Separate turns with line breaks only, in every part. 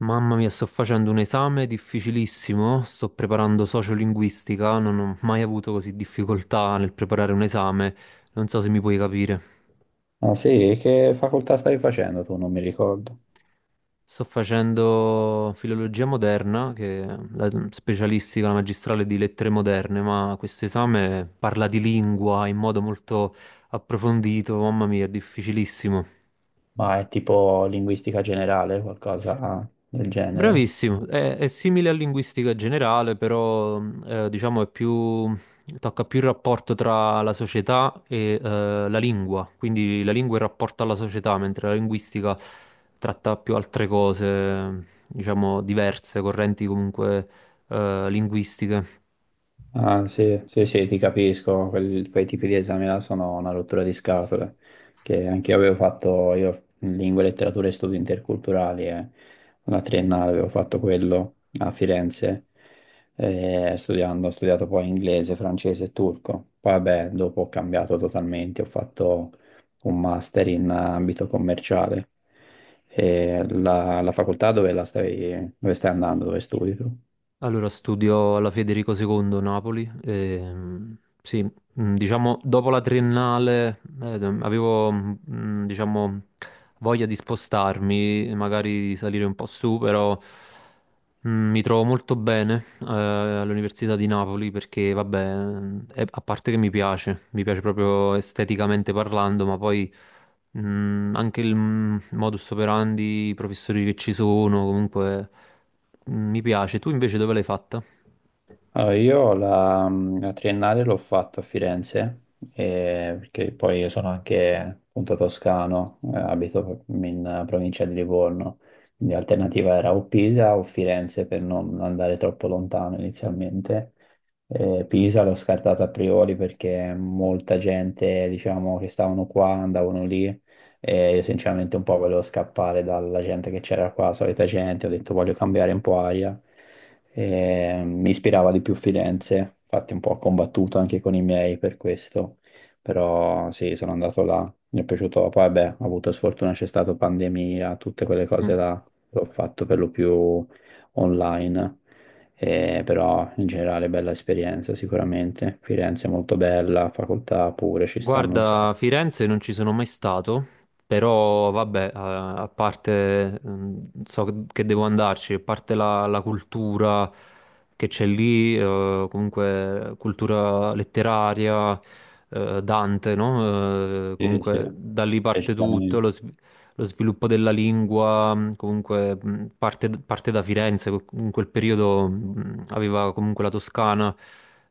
Mamma mia, sto facendo un esame difficilissimo, sto preparando sociolinguistica, non ho mai avuto così difficoltà nel preparare un esame, non so se mi puoi capire.
Ah sì, che facoltà stai facendo tu? Non mi ricordo.
Sto facendo filologia moderna, che è la specialistica, la magistrale di lettere moderne, ma questo esame parla di lingua in modo molto approfondito, mamma mia, è difficilissimo.
Ma è tipo linguistica generale, qualcosa del genere.
Bravissimo, è simile a linguistica generale, però diciamo è più, tocca più il rapporto tra la società e la lingua, quindi la lingua è il rapporto alla società, mentre la linguistica tratta più altre cose, diciamo diverse, correnti comunque linguistiche.
Ah, sì, sì, sì, ti capisco, quei tipi di esami là sono una rottura di scatole, che anche io avevo fatto, io in lingue, letterature e studi interculturali, una triennale avevo fatto quello a Firenze, ho studiato poi inglese, francese e turco. Poi vabbè, dopo ho cambiato totalmente, ho fatto un master in ambito commerciale. E la facoltà dove stai andando, dove studi tu?
Allora, studio alla Federico II Napoli. Sì, diciamo, dopo la triennale avevo, diciamo, voglia di spostarmi, magari di salire un po' su, però mi trovo molto bene all'Università di Napoli perché, vabbè, a parte che mi piace proprio esteticamente parlando, ma poi anche il modus operandi, i professori che ci sono, comunque mi piace. Tu invece dove l'hai fatta?
Allora, io la triennale l'ho fatto a Firenze, perché poi io sono anche appunto toscano, abito in provincia di Livorno, quindi l'alternativa era o Pisa o Firenze per non andare troppo lontano inizialmente. Pisa l'ho scartato a priori perché molta gente, diciamo, che stavano qua andavano lì e io sinceramente un po' volevo scappare dalla gente che c'era qua, la solita gente, ho detto voglio cambiare un po' aria. E mi ispirava di più Firenze, infatti un po' ho combattuto anche con i miei per questo, però sì, sono andato là, mi è piaciuto, poi beh, ho avuto sfortuna, c'è stata pandemia, tutte quelle
Mm.
cose là, l'ho fatto per lo più online. Però in generale bella esperienza sicuramente. Firenze è molto bella, facoltà pure, ci stanno un
Guarda,
sacco.
Firenze non ci sono mai stato, però vabbè, a parte, so che devo andarci, a parte la cultura che c'è lì, comunque cultura letteraria, Dante, no?
Sì, sì,
Comunque da lì parte tutto,
decisamente.
lo sviluppo della lingua, comunque, parte da Firenze, in quel periodo aveva comunque la Toscana.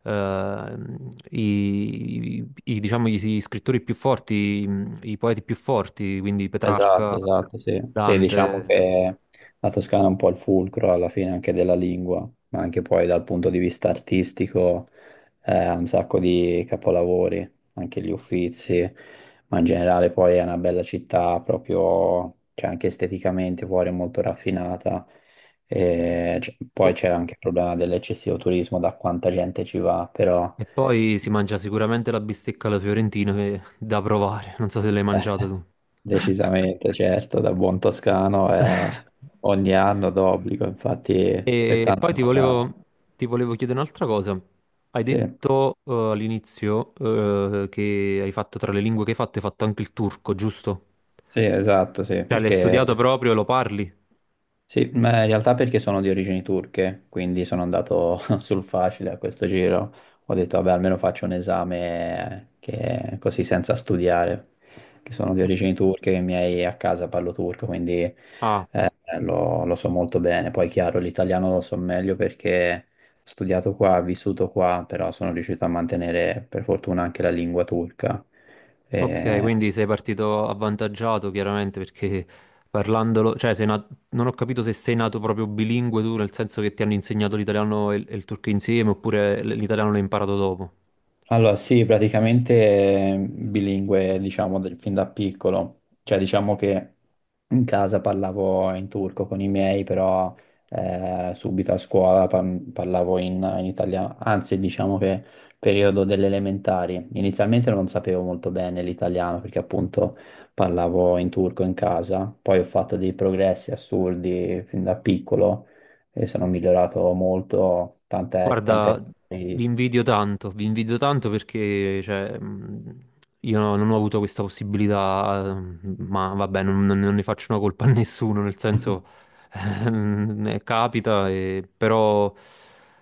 eh, diciamo, gli scrittori più forti, i poeti più forti, quindi Petrarca,
Esatto, esatto, sì. Sì, diciamo
Dante.
che la Toscana è un po' il fulcro alla fine anche della lingua, ma anche poi dal punto di vista artistico ha un sacco di capolavori, anche gli Uffizi, ma in generale poi è una bella città proprio, cioè anche esteticamente fuori è molto raffinata. E poi
Oh,
c'è anche il problema dell'eccessivo turismo, da quanta gente ci va, però.
e poi si mangia sicuramente la bistecca alla fiorentina, che è da provare. Non so se l'hai
eh,
mangiata tu.
Decisamente, certo, da buon toscano ogni anno d'obbligo, infatti
E
quest'anno
poi ti
ancora.
volevo, ti volevo chiedere un'altra cosa. Hai
Sì,
detto all'inizio che hai fatto tra le lingue che hai fatto anche il turco, giusto?
sì, esatto, sì,
Cioè l'hai
perché.
studiato proprio, e lo parli?
Sì, ma in realtà perché sono di origini turche, quindi sono andato sul facile a questo giro. Ho detto, vabbè, almeno faccio un esame così senza studiare, che sono di
Mm.
origini turche, che i miei a casa parlo turco, quindi.
Ah,
Lo so molto bene, poi chiaro, l'italiano lo so meglio perché ho studiato qua, ho vissuto qua, però sono riuscito a mantenere per fortuna anche la lingua turca. Mm.
ok, quindi sei partito avvantaggiato chiaramente perché parlandolo, cioè non ho capito se sei nato proprio bilingue tu, nel senso che ti hanno insegnato l'italiano e il turco insieme oppure l'italiano l'hai imparato dopo.
Allora, sì, praticamente bilingue, diciamo, fin da piccolo. Cioè, diciamo che in casa parlavo in turco con i miei, però subito a scuola parlavo in italiano. Anzi, diciamo che periodo delle elementari. Inizialmente non sapevo molto bene l'italiano, perché appunto parlavo in turco in casa. Poi ho fatto dei progressi assurdi fin da piccolo e sono migliorato molto
Guarda,
che-
vi invidio tanto perché cioè, io non ho avuto questa possibilità, ma vabbè, non ne faccio una colpa a nessuno, nel senso capita, però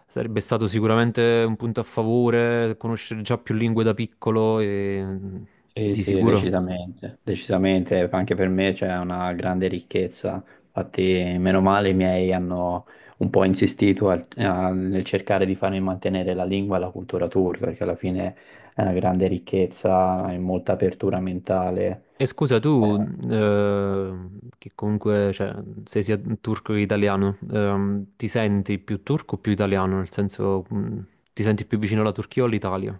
sarebbe stato sicuramente un punto a favore conoscere già più lingue da piccolo e
Sì,
di
sì,
sicuro.
decisamente, decisamente, anche per me c'è una grande ricchezza, infatti meno male i miei hanno un po' insistito nel cercare di farmi mantenere la lingua e la cultura turca, perché alla fine è una grande ricchezza e molta apertura mentale.
E scusa,
Eh,
tu, eh, che comunque, cioè, sei sia turco che italiano, ti senti più turco o più italiano? Nel senso, ti senti più vicino alla Turchia o all'Italia?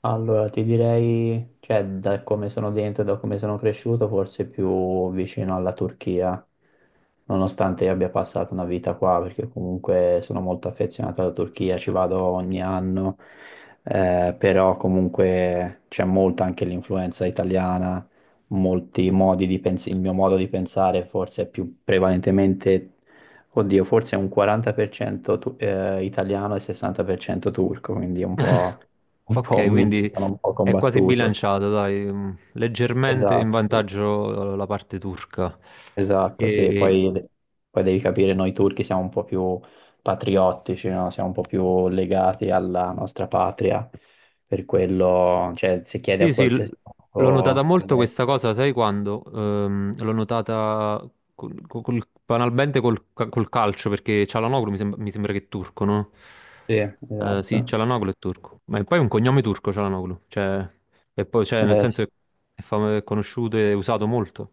Allora, ti direi, cioè, da come sono dentro e da come sono cresciuto, forse più vicino alla Turchia, nonostante io abbia passato una vita qua, perché comunque sono molto affezionato alla Turchia, ci vado ogni anno, però comunque c'è molto anche l'influenza italiana, molti modi di pensare, il mio modo di pensare forse è più prevalentemente, oddio, forse è un 40% italiano e 60% turco, quindi è un po'
Ok,
un mix,
quindi
sono un po'
è quasi
combattuto.
bilanciata, dai, leggermente in
Esatto, sì.
vantaggio la parte turca.
Esatto, sì,
E,
poi devi capire, noi turchi siamo un po' più patriottici, no? Siamo un po' più legati alla nostra patria, per quello, cioè, se chiedi a
Sì, sì,
qualsiasi
l'ho notata
turco
molto questa
all'estero.
cosa, sai quando? L'ho notata banalmente col calcio, perché Çalhanoğlu mi sembra che è turco, no?
Sì,
Sì,
esatto.
Çalhanoğlu è turco, ma poi è poi un cognome turco Çalhanoğlu, cioè, e poi, cioè, nel
Sì,
senso che è conosciuto e usato molto.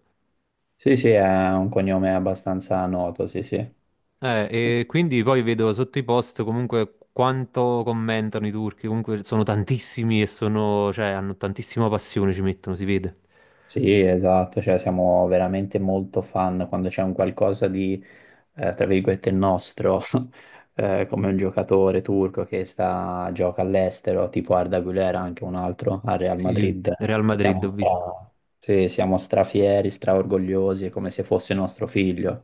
sì, sì, è un cognome abbastanza noto, sì, sì.
E quindi poi vedo sotto i post comunque quanto commentano i turchi, comunque sono tantissimi e sono, cioè, hanno tantissima passione, ci mettono, si vede.
Sì, esatto, cioè siamo veramente molto fan quando c'è un qualcosa di tra virgolette, il nostro, come un giocatore turco che gioca all'estero, tipo Arda Güler, anche un altro al Real
Sì,
Madrid.
Real Madrid
Siamo
ho visto.
stra, sì, siamo strafieri, straorgogliosi, è come se fosse nostro figlio.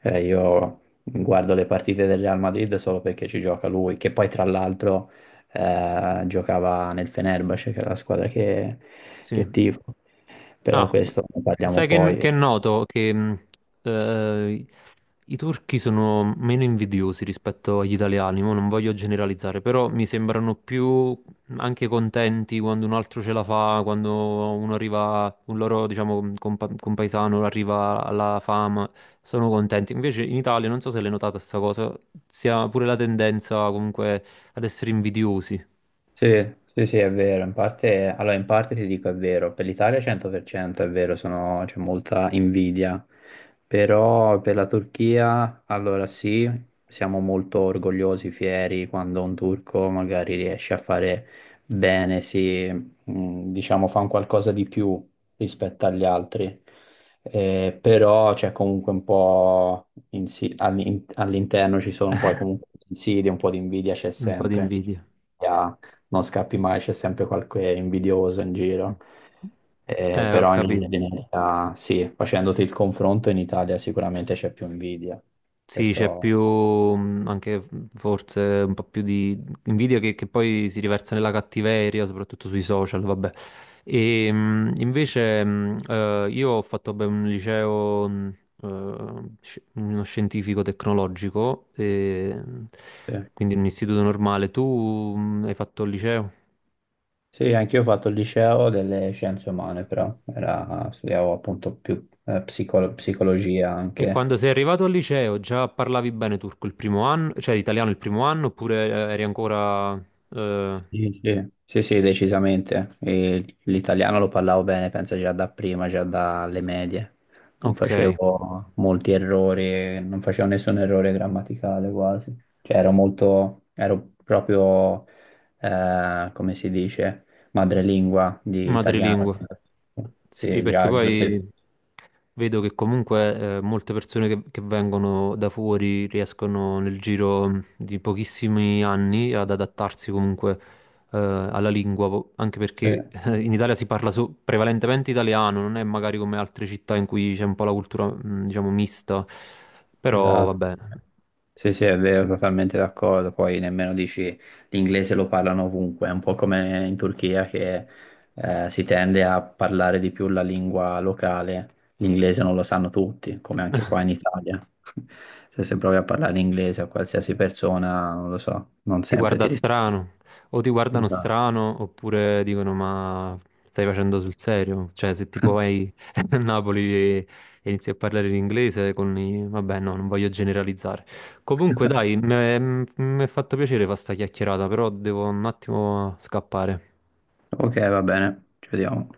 Io guardo le partite del Real Madrid solo perché ci gioca lui, che poi tra l'altro giocava nel Fenerbahce, che è la squadra che
Sì.
tifo. Però
Ah,
questo ne parliamo
sai che,
poi.
che è noto che eh, i turchi sono meno invidiosi rispetto agli italiani, mo non voglio generalizzare, però mi sembrano più anche contenti quando un altro ce la fa, quando uno arriva, un loro, diciamo, compaesano arriva alla fama, sono contenti. Invece in Italia, non so se l'hai notata sta cosa, si ha pure la tendenza comunque ad essere invidiosi,
Sì, sì, sì, è vero, in parte, allora in parte ti dico è vero, per l'Italia 100% è vero, c'è molta invidia, però per la Turchia, allora sì, siamo molto orgogliosi, fieri quando un turco magari riesce a fare bene, si, diciamo, fa un qualcosa di più rispetto agli altri. Però c'è comunque un po' all'interno ci sono poi comunque insidie, un po' di invidia c'è
un po' di
sempre
invidia.
non scappi mai, c'è sempre qualche invidioso in
Mm.
giro.
Ho
Però in linea
capito.
di media, sì, facendoti il confronto in Italia sicuramente c'è più invidia.
Sì, c'è più
Questo
anche forse un po' più di invidia che poi si riversa nella cattiveria, soprattutto sui social, vabbè. E invece io ho fatto beh, un liceo, uno scientifico tecnologico, e, mh,
sì.
quindi un istituto normale. Tu hai fatto il liceo?
Sì, anch'io ho fatto il liceo delle scienze umane, però studiavo appunto più psicologia
E quando
anche.
sei arrivato al liceo già parlavi bene turco il primo anno, cioè italiano il primo anno, oppure eri ancora. eh,
Sì, sì, sì, sì, decisamente. E l'italiano lo parlavo bene, penso già da prima, già dalle medie. Non
ok,
facevo molti errori, non facevo nessun errore grammaticale quasi. Cioè ero molto, ero proprio, come si dice, madrelingua di italiano.
madrelingua. Sì,
Sì,
perché
già, giusto.
poi vedo che comunque molte persone che vengono da fuori riescono nel giro di pochissimi anni ad adattarsi comunque alla lingua, anche
Sì,
perché in Italia si parla prevalentemente italiano, non è magari come altre città in cui c'è un po' la cultura, diciamo, mista, però va
esatto.
bene.
Sì, sì, è vero, totalmente d'accordo. Poi nemmeno dici l'inglese lo parlano ovunque, è un po' come in Turchia che si tende a parlare di più la lingua locale. L'inglese non lo sanno tutti, come anche qua in Italia. Cioè, se provi a parlare inglese a qualsiasi persona, non lo so, non
Ti
sempre ti
guarda strano, o ti guardano
risponde.
strano, oppure dicono: Ma stai facendo sul serio? Cioè, se tipo vai a Napoli e inizi a parlare in inglese con i. Vabbè, no, non voglio generalizzare. Comunque, dai, mi è fatto piacere fare sta chiacchierata, però devo un attimo scappare.
Ok, va bene, ci vediamo.